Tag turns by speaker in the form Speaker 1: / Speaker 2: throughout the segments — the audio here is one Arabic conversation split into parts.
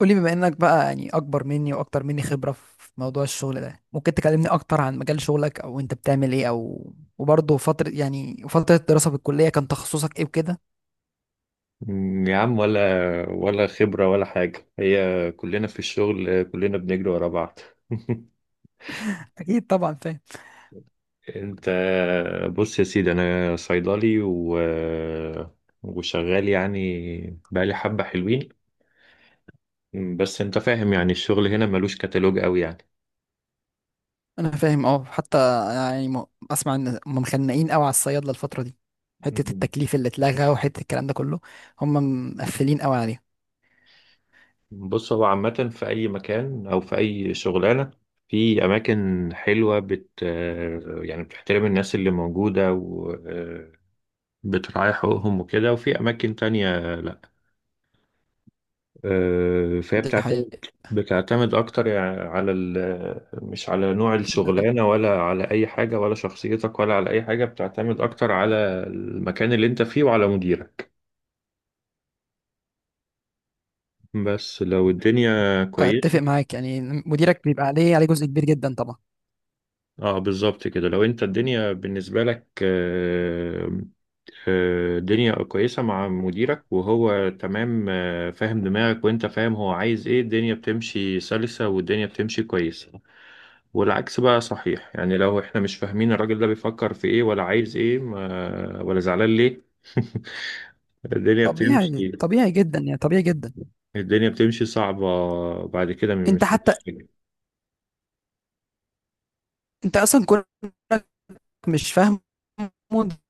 Speaker 1: قولي بما انك بقى اكبر مني واكتر مني خبرة في موضوع الشغل ده، ممكن تكلمني اكتر عن مجال شغلك او انت بتعمل ايه، او وبرضه فترة فترة الدراسة في الكلية كان تخصصك ايه وكده.
Speaker 2: مم، يا عم، ولا خبرة ولا حاجة. هي كلنا في الشغل، كلنا بنجري ورا بعض.
Speaker 1: اكيد طبعا فاهم.
Speaker 2: انت بص يا سيدي، انا صيدلي و... وشغال يعني بقالي حبة حلوين. بس انت فاهم، يعني الشغل هنا ملوش كتالوج قوي يعني.
Speaker 1: انا فاهم، اه، حتى يعني اسمع ان هم مخنقين قوي على الصيادلة الفترة دي، حتة
Speaker 2: مم.
Speaker 1: التكليف اللي اتلغى وحتة الكلام ده كله. هم مقفلين قوي عليها.
Speaker 2: بص، هو عامة في أي مكان أو في أي شغلانة، في أماكن حلوة يعني بتحترم الناس اللي موجودة، بتريح حقوقهم وكده، وفي أماكن تانية لأ. فهي
Speaker 1: دي
Speaker 2: بتعتمد
Speaker 1: حقيقة.
Speaker 2: بتعتمد أكتر يعني على مش على نوع الشغلانة، ولا على أي حاجة، ولا شخصيتك، ولا على أي حاجة. بتعتمد أكتر على المكان اللي أنت فيه وعلى مديرك، بس لو الدنيا
Speaker 1: اتفق
Speaker 2: كويسة.
Speaker 1: معاك يعني، مديرك بيبقى عليه جزء كبير جدا طبعا.
Speaker 2: اه، بالظبط كده. لو انت الدنيا بالنسبة لك الدنيا كويسة مع مديرك وهو تمام، فاهم دماغك وانت فاهم هو عايز ايه، الدنيا بتمشي سلسة والدنيا بتمشي كويسة. والعكس بقى صحيح، يعني لو احنا مش فاهمين الراجل ده بيفكر في ايه، ولا عايز ايه، ما ولا زعلان ليه الدنيا
Speaker 1: طبيعي،
Speaker 2: بتمشي
Speaker 1: طبيعي جدا يعني، طبيعي جدا.
Speaker 2: الدنيا بتمشي صعبة بعد كده.
Speaker 1: انت حتى،
Speaker 2: مش-
Speaker 1: انت اصلا كونك مش فاهمه،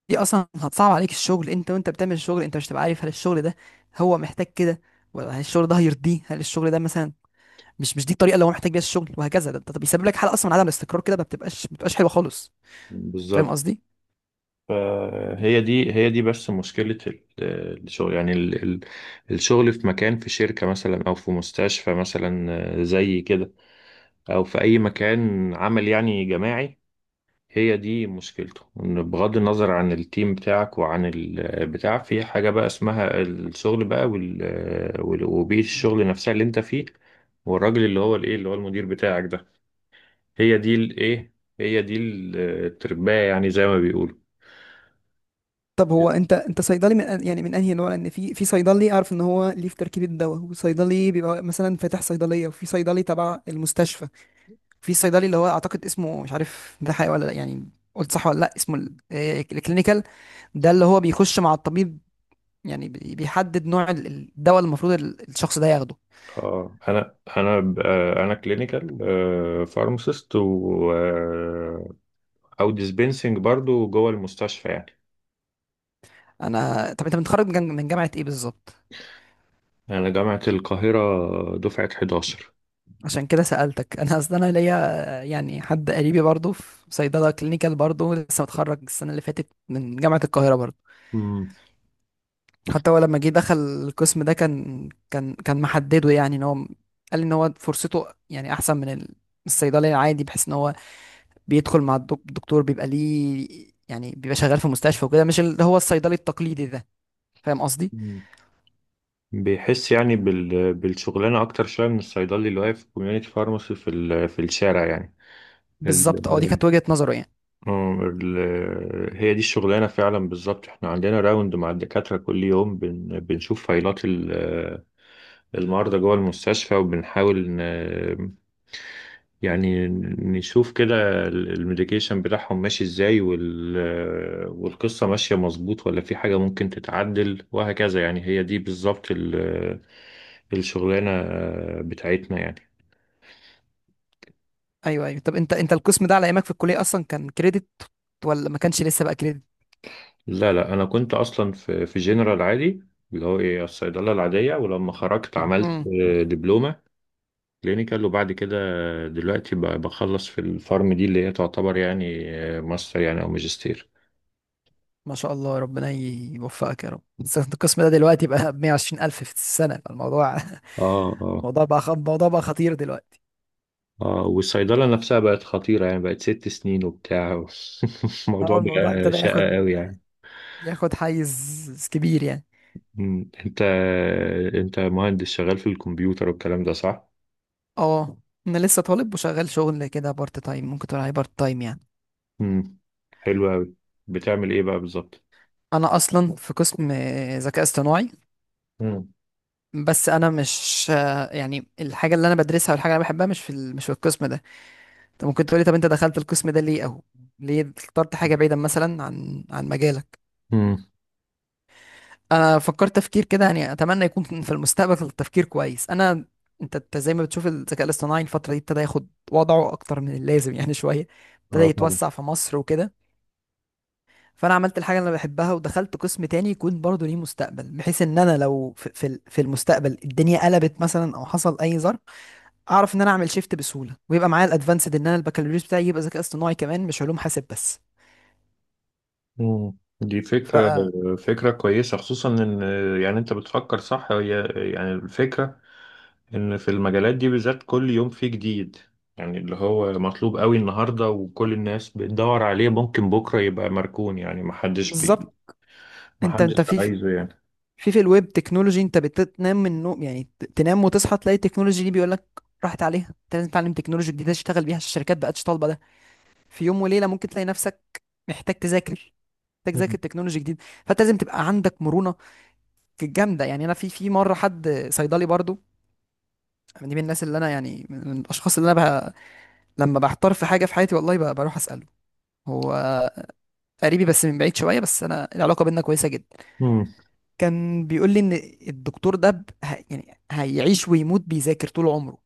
Speaker 1: دي اصلا هتصعب عليك الشغل انت وانت بتعمل الشغل، انت مش هتبقى عارف هل الشغل ده هو محتاج كده، ولا هل الشغل ده هيرضيه، هل الشغل ده مثلا مش دي الطريقه اللي هو محتاج بيها الشغل، وهكذا. ده بيسبب لك حاله اصلا من عدم الاستقرار كده، ما بتبقاش حلوه خالص. فاهم
Speaker 2: بالظبط.
Speaker 1: قصدي؟
Speaker 2: فهي دي، هي دي بس مشكلة الشغل يعني، الشغل في مكان، في شركة مثلا أو في مستشفى مثلا زي كده، أو في أي مكان عمل يعني جماعي. هي دي مشكلته، إن بغض النظر عن التيم بتاعك وعن البتاع، في حاجة بقى اسمها الشغل بقى وبيئة الشغل نفسها اللي أنت فيه، والراجل اللي هو الإيه، اللي هو المدير بتاعك ده. هي دي الإيه، هي دي الترباية يعني زي ما بيقولوا.
Speaker 1: طب هو انت، انت صيدلي من يعني من انهي نوع؟ لان في صيدلي اعرف ان هو ليه في تركيبه الدواء، وصيدلي بيبقى مثلا فاتح صيدليه، وفي صيدلي تبع المستشفى، في صيدلي اللي هو اعتقد اسمه مش عارف ده حقيقي ولا لا يعني، قلت صح ولا لا، اسمه الكلينيكال. ده اللي هو بيخش مع الطبيب، يعني بيحدد نوع الدواء اللي المفروض الشخص ده ياخده.
Speaker 2: اه، انا كلينيكال فارماسيست و آه، او ديسبنسنج برضو جوه المستشفى يعني.
Speaker 1: انا طب انت متخرج من من جامعة ايه بالظبط؟
Speaker 2: انا جامعة القاهرة دفعة 11.
Speaker 1: عشان كده سألتك، انا اصل انا ليا، يعني حد قريبي برضه في صيدلة كلينيكال برضه، لسه متخرج السنة اللي فاتت من جامعة القاهرة برضه.
Speaker 2: امم
Speaker 1: حتى هو لما جه دخل القسم ده كان محدده، يعني ان هو قال ان هو فرصته يعني احسن من الصيدلي العادي، بحيث ان هو بيدخل مع الدكتور، بيبقى ليه يعني بيبقى شغال في مستشفى وكده، مش اللي هو الصيدلي التقليدي ده. فاهم قصدي؟
Speaker 2: امم بيحس يعني بالشغلانة أكتر شوية من الصيدلي اللي واقف في كوميونيتي فارماسي في في الشارع يعني. ال...
Speaker 1: بالظبط، اه، دي كانت وجهة نظره يعني.
Speaker 2: هي دي الشغلانة فعلا بالظبط. احنا عندنا راوند مع الدكاترة كل يوم، بنشوف فايلات المرضى جوه المستشفى، وبنحاول يعني نشوف كده الميديكيشن بتاعهم ماشي ازاي والقصة ماشية مظبوط ولا في حاجة ممكن تتعدل وهكذا يعني. هي دي بالظبط الشغلانة بتاعتنا يعني.
Speaker 1: ايوه ايوه. طب انت، انت القسم ده على ايامك في الكلية اصلا كان كريدت ولا ما كانش لسه بقى كريدت؟
Speaker 2: لا لا، أنا كنت أصلا في جنرال عادي، اللي هو إيه الصيدلة العادية، ولما خرجت عملت
Speaker 1: امم.
Speaker 2: دبلومة كلينيكال، وبعد كده دلوقتي بخلص في الفارم دي اللي هي تعتبر يعني ماستر يعني أو ماجستير.
Speaker 1: ما شاء الله، ربنا يوفقك يا رب. بس انت القسم ده دلوقتي بقى ب 120 الف في السنة، الموضوع
Speaker 2: اه، اه،
Speaker 1: الموضوع بقى الموضوع بقى خطير دلوقتي.
Speaker 2: اه، والصيدلة نفسها بقت خطيرة يعني، بقت ست سنين وبتاع. الموضوع
Speaker 1: اه، الموضوع
Speaker 2: بقى
Speaker 1: ابتدى
Speaker 2: شقة
Speaker 1: ياخد،
Speaker 2: قوي يعني.
Speaker 1: ياخد حيز كبير يعني.
Speaker 2: مم. انت مهندس شغال في الكمبيوتر والكلام ده، صح؟
Speaker 1: اه، انا لسه طالب وشغال شغل كده بارت تايم، ممكن تقول عليه بارت تايم يعني.
Speaker 2: مم. حلو قوي. بتعمل ايه بقى بالظبط؟
Speaker 1: انا اصلا في قسم ذكاء اصطناعي،
Speaker 2: مم.
Speaker 1: بس انا مش، يعني الحاجه اللي انا بدرسها والحاجه اللي انا بحبها مش في القسم ده. انت ممكن تقولي طب انت دخلت القسم ده ليه، او ليه اخترت حاجه بعيده مثلا عن مجالك؟
Speaker 2: امم.
Speaker 1: انا فكرت تفكير كده يعني، اتمنى يكون في المستقبل تفكير كويس. انا انت أنت زي ما بتشوف الذكاء الاصطناعي الفتره دي ابتدى ياخد وضعه اكتر من اللازم يعني شويه، ابتدى
Speaker 2: اه طبعا.
Speaker 1: يتوسع في مصر وكده. فانا عملت الحاجه اللي انا بحبها ودخلت قسم تاني يكون برضه ليه مستقبل، بحيث ان انا لو في المستقبل الدنيا قلبت مثلا او حصل اي ظرف، اعرف ان انا اعمل شيفت بسهوله، ويبقى معايا الادفانسد ان انا البكالوريوس بتاعي يبقى ذكاء اصطناعي كمان، مش علوم حاسب بس.
Speaker 2: مم. دي
Speaker 1: ف
Speaker 2: فكرة، فكرة كويسة، خصوصا ان، يعني انت بتفكر صح. هي يعني الفكرة، ان في المجالات دي بالذات كل يوم فيه جديد، يعني اللي هو مطلوب قوي النهارده وكل الناس بتدور عليه ممكن بكره يبقى مركون، يعني محدش
Speaker 1: بالظبط انت انت
Speaker 2: محدش
Speaker 1: في
Speaker 2: عايزه يعني.
Speaker 1: في الويب تكنولوجي، انت بتنام من النوم يعني، تنام وتصحى تلاقي التكنولوجي دي بيقول لك راحت عليها، انت لازم تتعلم تكنولوجي جديده تشتغل بيها عشان الشركات بقتش طالبه ده. في يوم وليله ممكن تلاقي نفسك محتاج تذاكر، محتاج تذاكر تكنولوجي جديد، فانت لازم تبقى عندك مرونه. كانت جامده يعني. انا في مره حد صيدلي برضو، دي من الناس اللي انا يعني من الاشخاص اللي انا بقى لما بحتار في حاجه في حياتي، والله بقى بروح اساله. هو قريبي بس من بعيد شويه، بس انا العلاقه بينا كويسه جدا.
Speaker 2: امم.
Speaker 1: كان بيقول لي ان الدكتور ده يعني هيعيش ويموت بيذاكر طول عمره،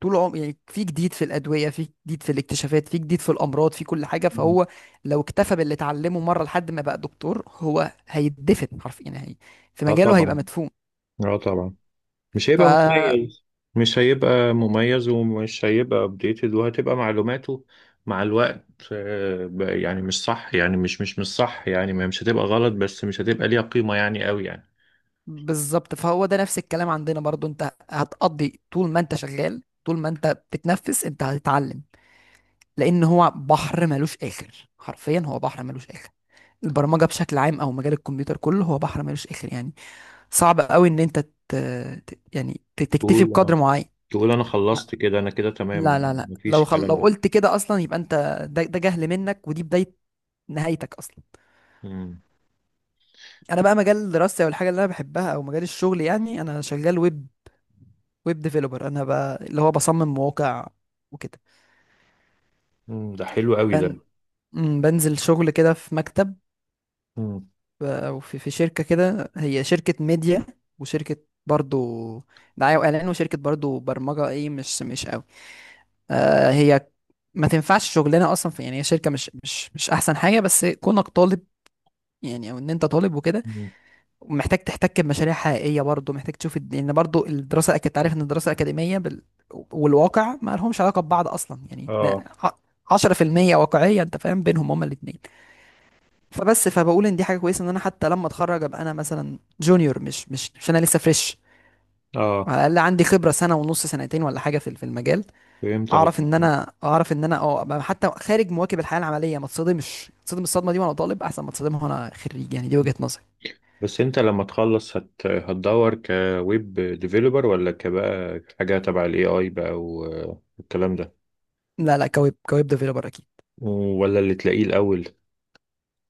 Speaker 1: طول عمره، يعني في جديد في الادويه، في جديد في الاكتشافات، في جديد في الامراض، في كل حاجه. فهو لو اكتفى باللي اتعلمه مره لحد ما بقى دكتور، هو هيدفن حرفيا يعني، هي في
Speaker 2: اه
Speaker 1: مجاله هيبقى
Speaker 2: طبعا.
Speaker 1: مدفون.
Speaker 2: اه طبعا. مش
Speaker 1: ف
Speaker 2: هيبقى مميز. مش هيبقى مميز، ومش هيبقى ابديتد، وهتبقى معلوماته مع الوقت بقى يعني مش صح يعني، مش صح يعني، مش هتبقى غلط، بس مش هتبقى ليها قيمة يعني قوي يعني.
Speaker 1: بالظبط فهو ده نفس الكلام عندنا برضو، انت هتقضي طول ما انت شغال، طول ما انت بتتنفس انت هتتعلم، لان هو بحر ملوش اخر حرفيا، هو بحر ملوش اخر. البرمجة بشكل عام او مجال الكمبيوتر كله هو بحر ملوش اخر يعني، صعب قوي ان انت تكتفي بقدر
Speaker 2: قول،
Speaker 1: معين.
Speaker 2: تقول انا خلصت كده، انا كده تمام.
Speaker 1: لا لا
Speaker 2: مفيش
Speaker 1: لو
Speaker 2: الكلام ده.
Speaker 1: قلت كده اصلا يبقى انت، ده جهل منك، ودي بداية نهايتك اصلا.
Speaker 2: مم.
Speaker 1: انا بقى مجال دراستي، او الحاجة اللي انا بحبها، او مجال الشغل، يعني انا شغال ويب ديفيلوبر. انا بقى اللي هو بصمم مواقع وكده،
Speaker 2: مم. ده حلو قوي
Speaker 1: بن...
Speaker 2: ده.
Speaker 1: مم، بنزل شغل كده في مكتب،
Speaker 2: مم.
Speaker 1: او في شركه كده، هي شركه ميديا وشركه برضو دعايه واعلان، وشركه برضو برمجه ايه، مش مش قوي، آه، هي ما تنفعش شغلنا اصلا في يعني، هي شركه مش احسن حاجه، بس كونك طالب يعني، او ان انت طالب وكده،
Speaker 2: مم.
Speaker 1: محتاج تحتك بمشاريع حقيقيه برضه، محتاج تشوف لان برضه الدراسه، كنت عارف ان الدراسه الاكاديميه والواقع ما لهمش علاقه ببعض اصلا يعني. ده
Speaker 2: اه.
Speaker 1: ع- 10% واقعيه انت فاهم بينهم هما الاثنين. فبس فبقول ان دي حاجه كويسه، ان انا حتى لما اتخرج ابقى انا مثلا جونيور، مش مش مش انا لسه فريش.
Speaker 2: اه
Speaker 1: على الاقل عندي خبره سنه ونص، سنتين ولا حاجه في المجال،
Speaker 2: فهمت
Speaker 1: اعرف ان
Speaker 2: قصدك.
Speaker 1: انا، اعرف ان انا اه أبقى حتى خارج مواكب الحياه العمليه، ما اتصدمش، اتصدم الصدمه دي وانا طالب احسن ما اتصدمها وانا خريج يعني، دي
Speaker 2: مم.
Speaker 1: وجهه نظري.
Speaker 2: بس انت لما تخلص هتدور كويب ديفيلوبر، ولا كبقى حاجة تبع الاي اي بقى والكلام ده؟
Speaker 1: لا لا، كويب، ديفيلوبر اكيد.
Speaker 2: ولا اللي تلاقيه الاول؟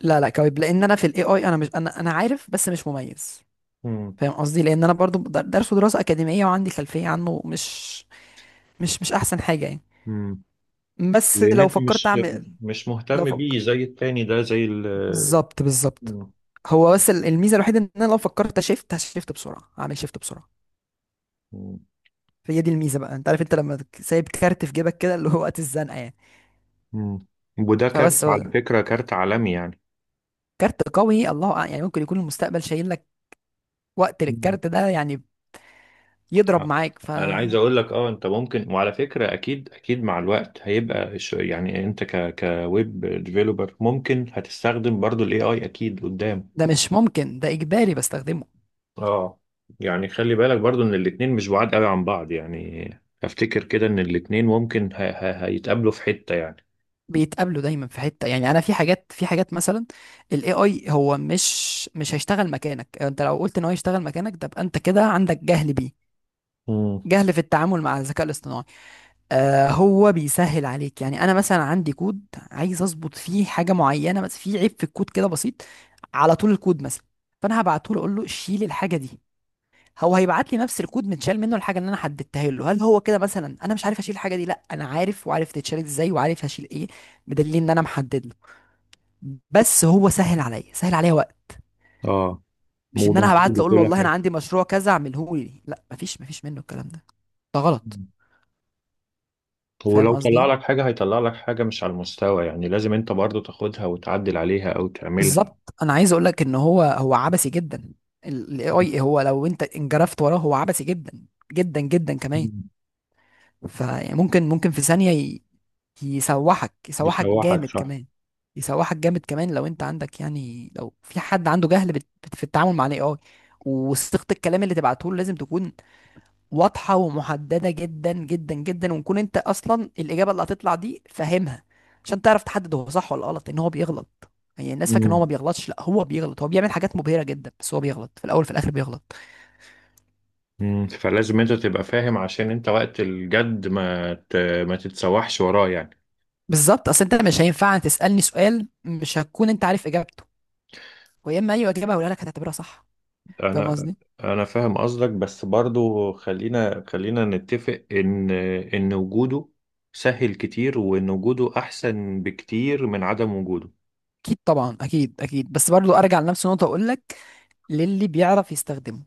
Speaker 1: لا لا كويب، لان انا في الاي اي، انا مش، انا انا عارف بس مش مميز،
Speaker 2: مم.
Speaker 1: فاهم قصدي؟ لان انا برضو درسه دراسه اكاديميه، وعندي خلفيه عنه، مش احسن حاجه يعني.
Speaker 2: مم.
Speaker 1: بس
Speaker 2: لان
Speaker 1: لو
Speaker 2: انت
Speaker 1: فكرت
Speaker 2: مش،
Speaker 1: اعمل، لو
Speaker 2: مهتم
Speaker 1: فكر،
Speaker 2: بيه زي التاني ده، زي ال.
Speaker 1: بالظبط بالظبط.
Speaker 2: مم.
Speaker 1: هو بس الميزه الوحيده ان انا لو فكرت شيفت هشيفت بسرعه، هعمل شيفت بسرعه. فهي دي الميزه بقى، انت عارف، انت لما سايب كارت في جيبك كده اللي هو وقت الزنقه يعني.
Speaker 2: مم. وده كارت
Speaker 1: فبس هو
Speaker 2: على فكرة، كارت عالمي
Speaker 1: كارت قوي، الله أعلم، يعني ممكن يكون المستقبل شايل لك وقت
Speaker 2: يعني.
Speaker 1: للكارت ده يعني، يضرب
Speaker 2: آه.
Speaker 1: معاك.
Speaker 2: انا عايز اقول لك، اه انت ممكن، وعلى فكره اكيد اكيد مع الوقت هيبقى الش-، يعني انت ك كويب ديفيلوبر ممكن هتستخدم برضو الاي اي اكيد قدام.
Speaker 1: ده مش ممكن، ده اجباري بستخدمه.
Speaker 2: اه، يعني خلي بالك برضو ان الاتنين مش بعاد قوي عن بعض، يعني افتكر كده ان الاتنين ممكن هيتقابلوا في حته يعني.
Speaker 1: بيتقابلوا دايما في حته يعني. انا في حاجات، في حاجات مثلا الاي اي هو مش هيشتغل مكانك، انت لو قلت ان هو يشتغل مكانك تبقى انت كده عندك جهل بيه،
Speaker 2: امم.
Speaker 1: جهل في التعامل مع الذكاء الاصطناعي. آه هو بيسهل عليك يعني. انا مثلا عندي كود عايز اظبط فيه حاجه معينه، بس في عيب في الكود كده بسيط على طول الكود مثلا، فانا هبعته له اقول له شيل الحاجه دي، هو هيبعت لي نفس الكود متشال منه الحاجه اللي انا حددتها له. هل هو كده مثلا انا مش عارف اشيل الحاجه دي؟ لا انا عارف، وعارف تتشال ازاي، وعارف هشيل ايه، بدليل ان انا محدد له. بس هو سهل عليا، سهل عليا وقت،
Speaker 2: اه
Speaker 1: مش ان انا هبعت
Speaker 2: وبنفيذ
Speaker 1: له اقول له
Speaker 2: وكل
Speaker 1: والله انا
Speaker 2: حاجه.
Speaker 1: عندي مشروع كذا اعمله لي، لا، مفيش منه الكلام ده، ده غلط.
Speaker 2: مم.
Speaker 1: فاهم
Speaker 2: ولو طلع
Speaker 1: قصدي؟
Speaker 2: لك حاجه، هيطلع لك حاجه مش على المستوى يعني، لازم انت برضو تاخدها وتعدل عليها او تعملها.
Speaker 1: بالظبط. انا عايز اقول لك ان هو، هو عبثي جدا، الاي اي، هو لو انت انجرفت وراه هو عبثي جدا، جدا جدا كمان.
Speaker 2: مم.
Speaker 1: فممكن، ممكن في ثانية يسوحك، يسوحك
Speaker 2: يسوحك
Speaker 1: جامد
Speaker 2: صح.
Speaker 1: كمان، يسوحك جامد كمان لو انت عندك، يعني لو في حد عنده جهل في التعامل مع الاي اي. وصيغة الكلام اللي تبعته له لازم تكون واضحة ومحددة جدا جدا جدا، ونكون انت اصلا الاجابة اللي هتطلع دي فاهمها، عشان تعرف تحدد هو صح ولا غلط، ان هو بيغلط يعني. الناس فاكره ان هو ما
Speaker 2: مم.
Speaker 1: بيغلطش، لا هو بيغلط، هو بيعمل حاجات مبهرة جدا بس هو بيغلط، في الاول في الاخر بيغلط.
Speaker 2: مم. فلازم انت تبقى فاهم عشان انت وقت الجد ما ما تتسوحش وراه يعني.
Speaker 1: بالظبط. اصل انت مش هينفع تسألني سؤال مش هتكون انت عارف اجابته، ويا اما اي اجابة هقولها لك هتعتبرها صح. فاهم
Speaker 2: انا
Speaker 1: قصدي؟
Speaker 2: انا فاهم قصدك، بس برضو خلينا خلينا نتفق ان، وجوده سهل كتير، وان وجوده احسن بكتير من عدم وجوده.
Speaker 1: اكيد طبعا، اكيد اكيد، بس برضو ارجع لنفس النقطة واقول لك، للي بيعرف يستخدمه.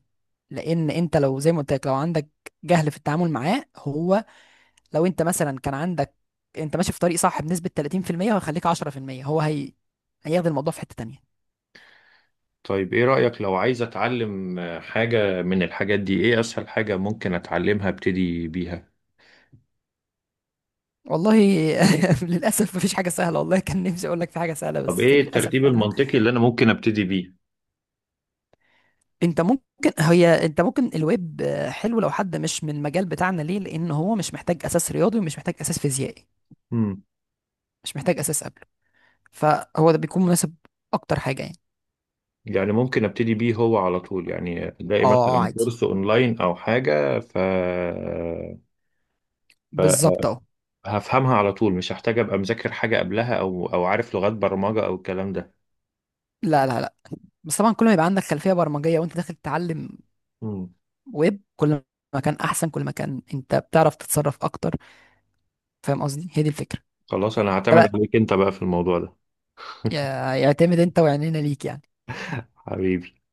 Speaker 1: لان انت لو زي ما قلت لك، لو عندك جهل في التعامل معاه، هو لو انت مثلا كان عندك، انت ماشي في طريق صح بنسبة 30% وهيخليك 10%. هو، هي، هياخد الموضوع في حتة تانية.
Speaker 2: طيب، ايه رأيك لو عايز اتعلم حاجة من الحاجات دي؟ ايه اسهل حاجة ممكن اتعلمها ابتدي بيها؟
Speaker 1: والله للأسف مفيش حاجة سهلة والله، كان نفسي أقول لك في حاجة سهلة
Speaker 2: طب
Speaker 1: بس
Speaker 2: ايه
Speaker 1: للأسف
Speaker 2: الترتيب
Speaker 1: فعلا.
Speaker 2: المنطقي اللي انا ممكن ابتدي
Speaker 1: أنت ممكن الويب، آه، حلو لو حد مش من المجال بتاعنا، ليه؟ لأن هو مش محتاج أساس رياضي، ومش محتاج أساس فيزيائي،
Speaker 2: بيه؟
Speaker 1: مش محتاج أساس قبله، فهو ده بيكون مناسب أكتر حاجة يعني.
Speaker 2: يعني ممكن ابتدي بيه هو على طول، يعني الاقي
Speaker 1: اه اه
Speaker 2: مثلا
Speaker 1: عادي،
Speaker 2: كورس اونلاين او حاجه ف
Speaker 1: بالظبط أهو.
Speaker 2: هفهمها على طول، مش هحتاج ابقى مذاكر حاجه قبلها او او عارف لغات برمجه او الكلام ده؟
Speaker 1: لا لا لا، بس طبعا كل ما يبقى عندك خلفية برمجية وأنت داخل تتعلم
Speaker 2: مم.
Speaker 1: ويب، كل ما كان احسن، كل ما كان انت بتعرف تتصرف اكتر. فاهم قصدي؟ هي دي الفكره.
Speaker 2: خلاص، انا
Speaker 1: ده
Speaker 2: هعتمد
Speaker 1: بقى
Speaker 2: عليك انت بقى في الموضوع ده.
Speaker 1: يعتمد، انت وعينينا ليك يعني.
Speaker 2: حبيبي.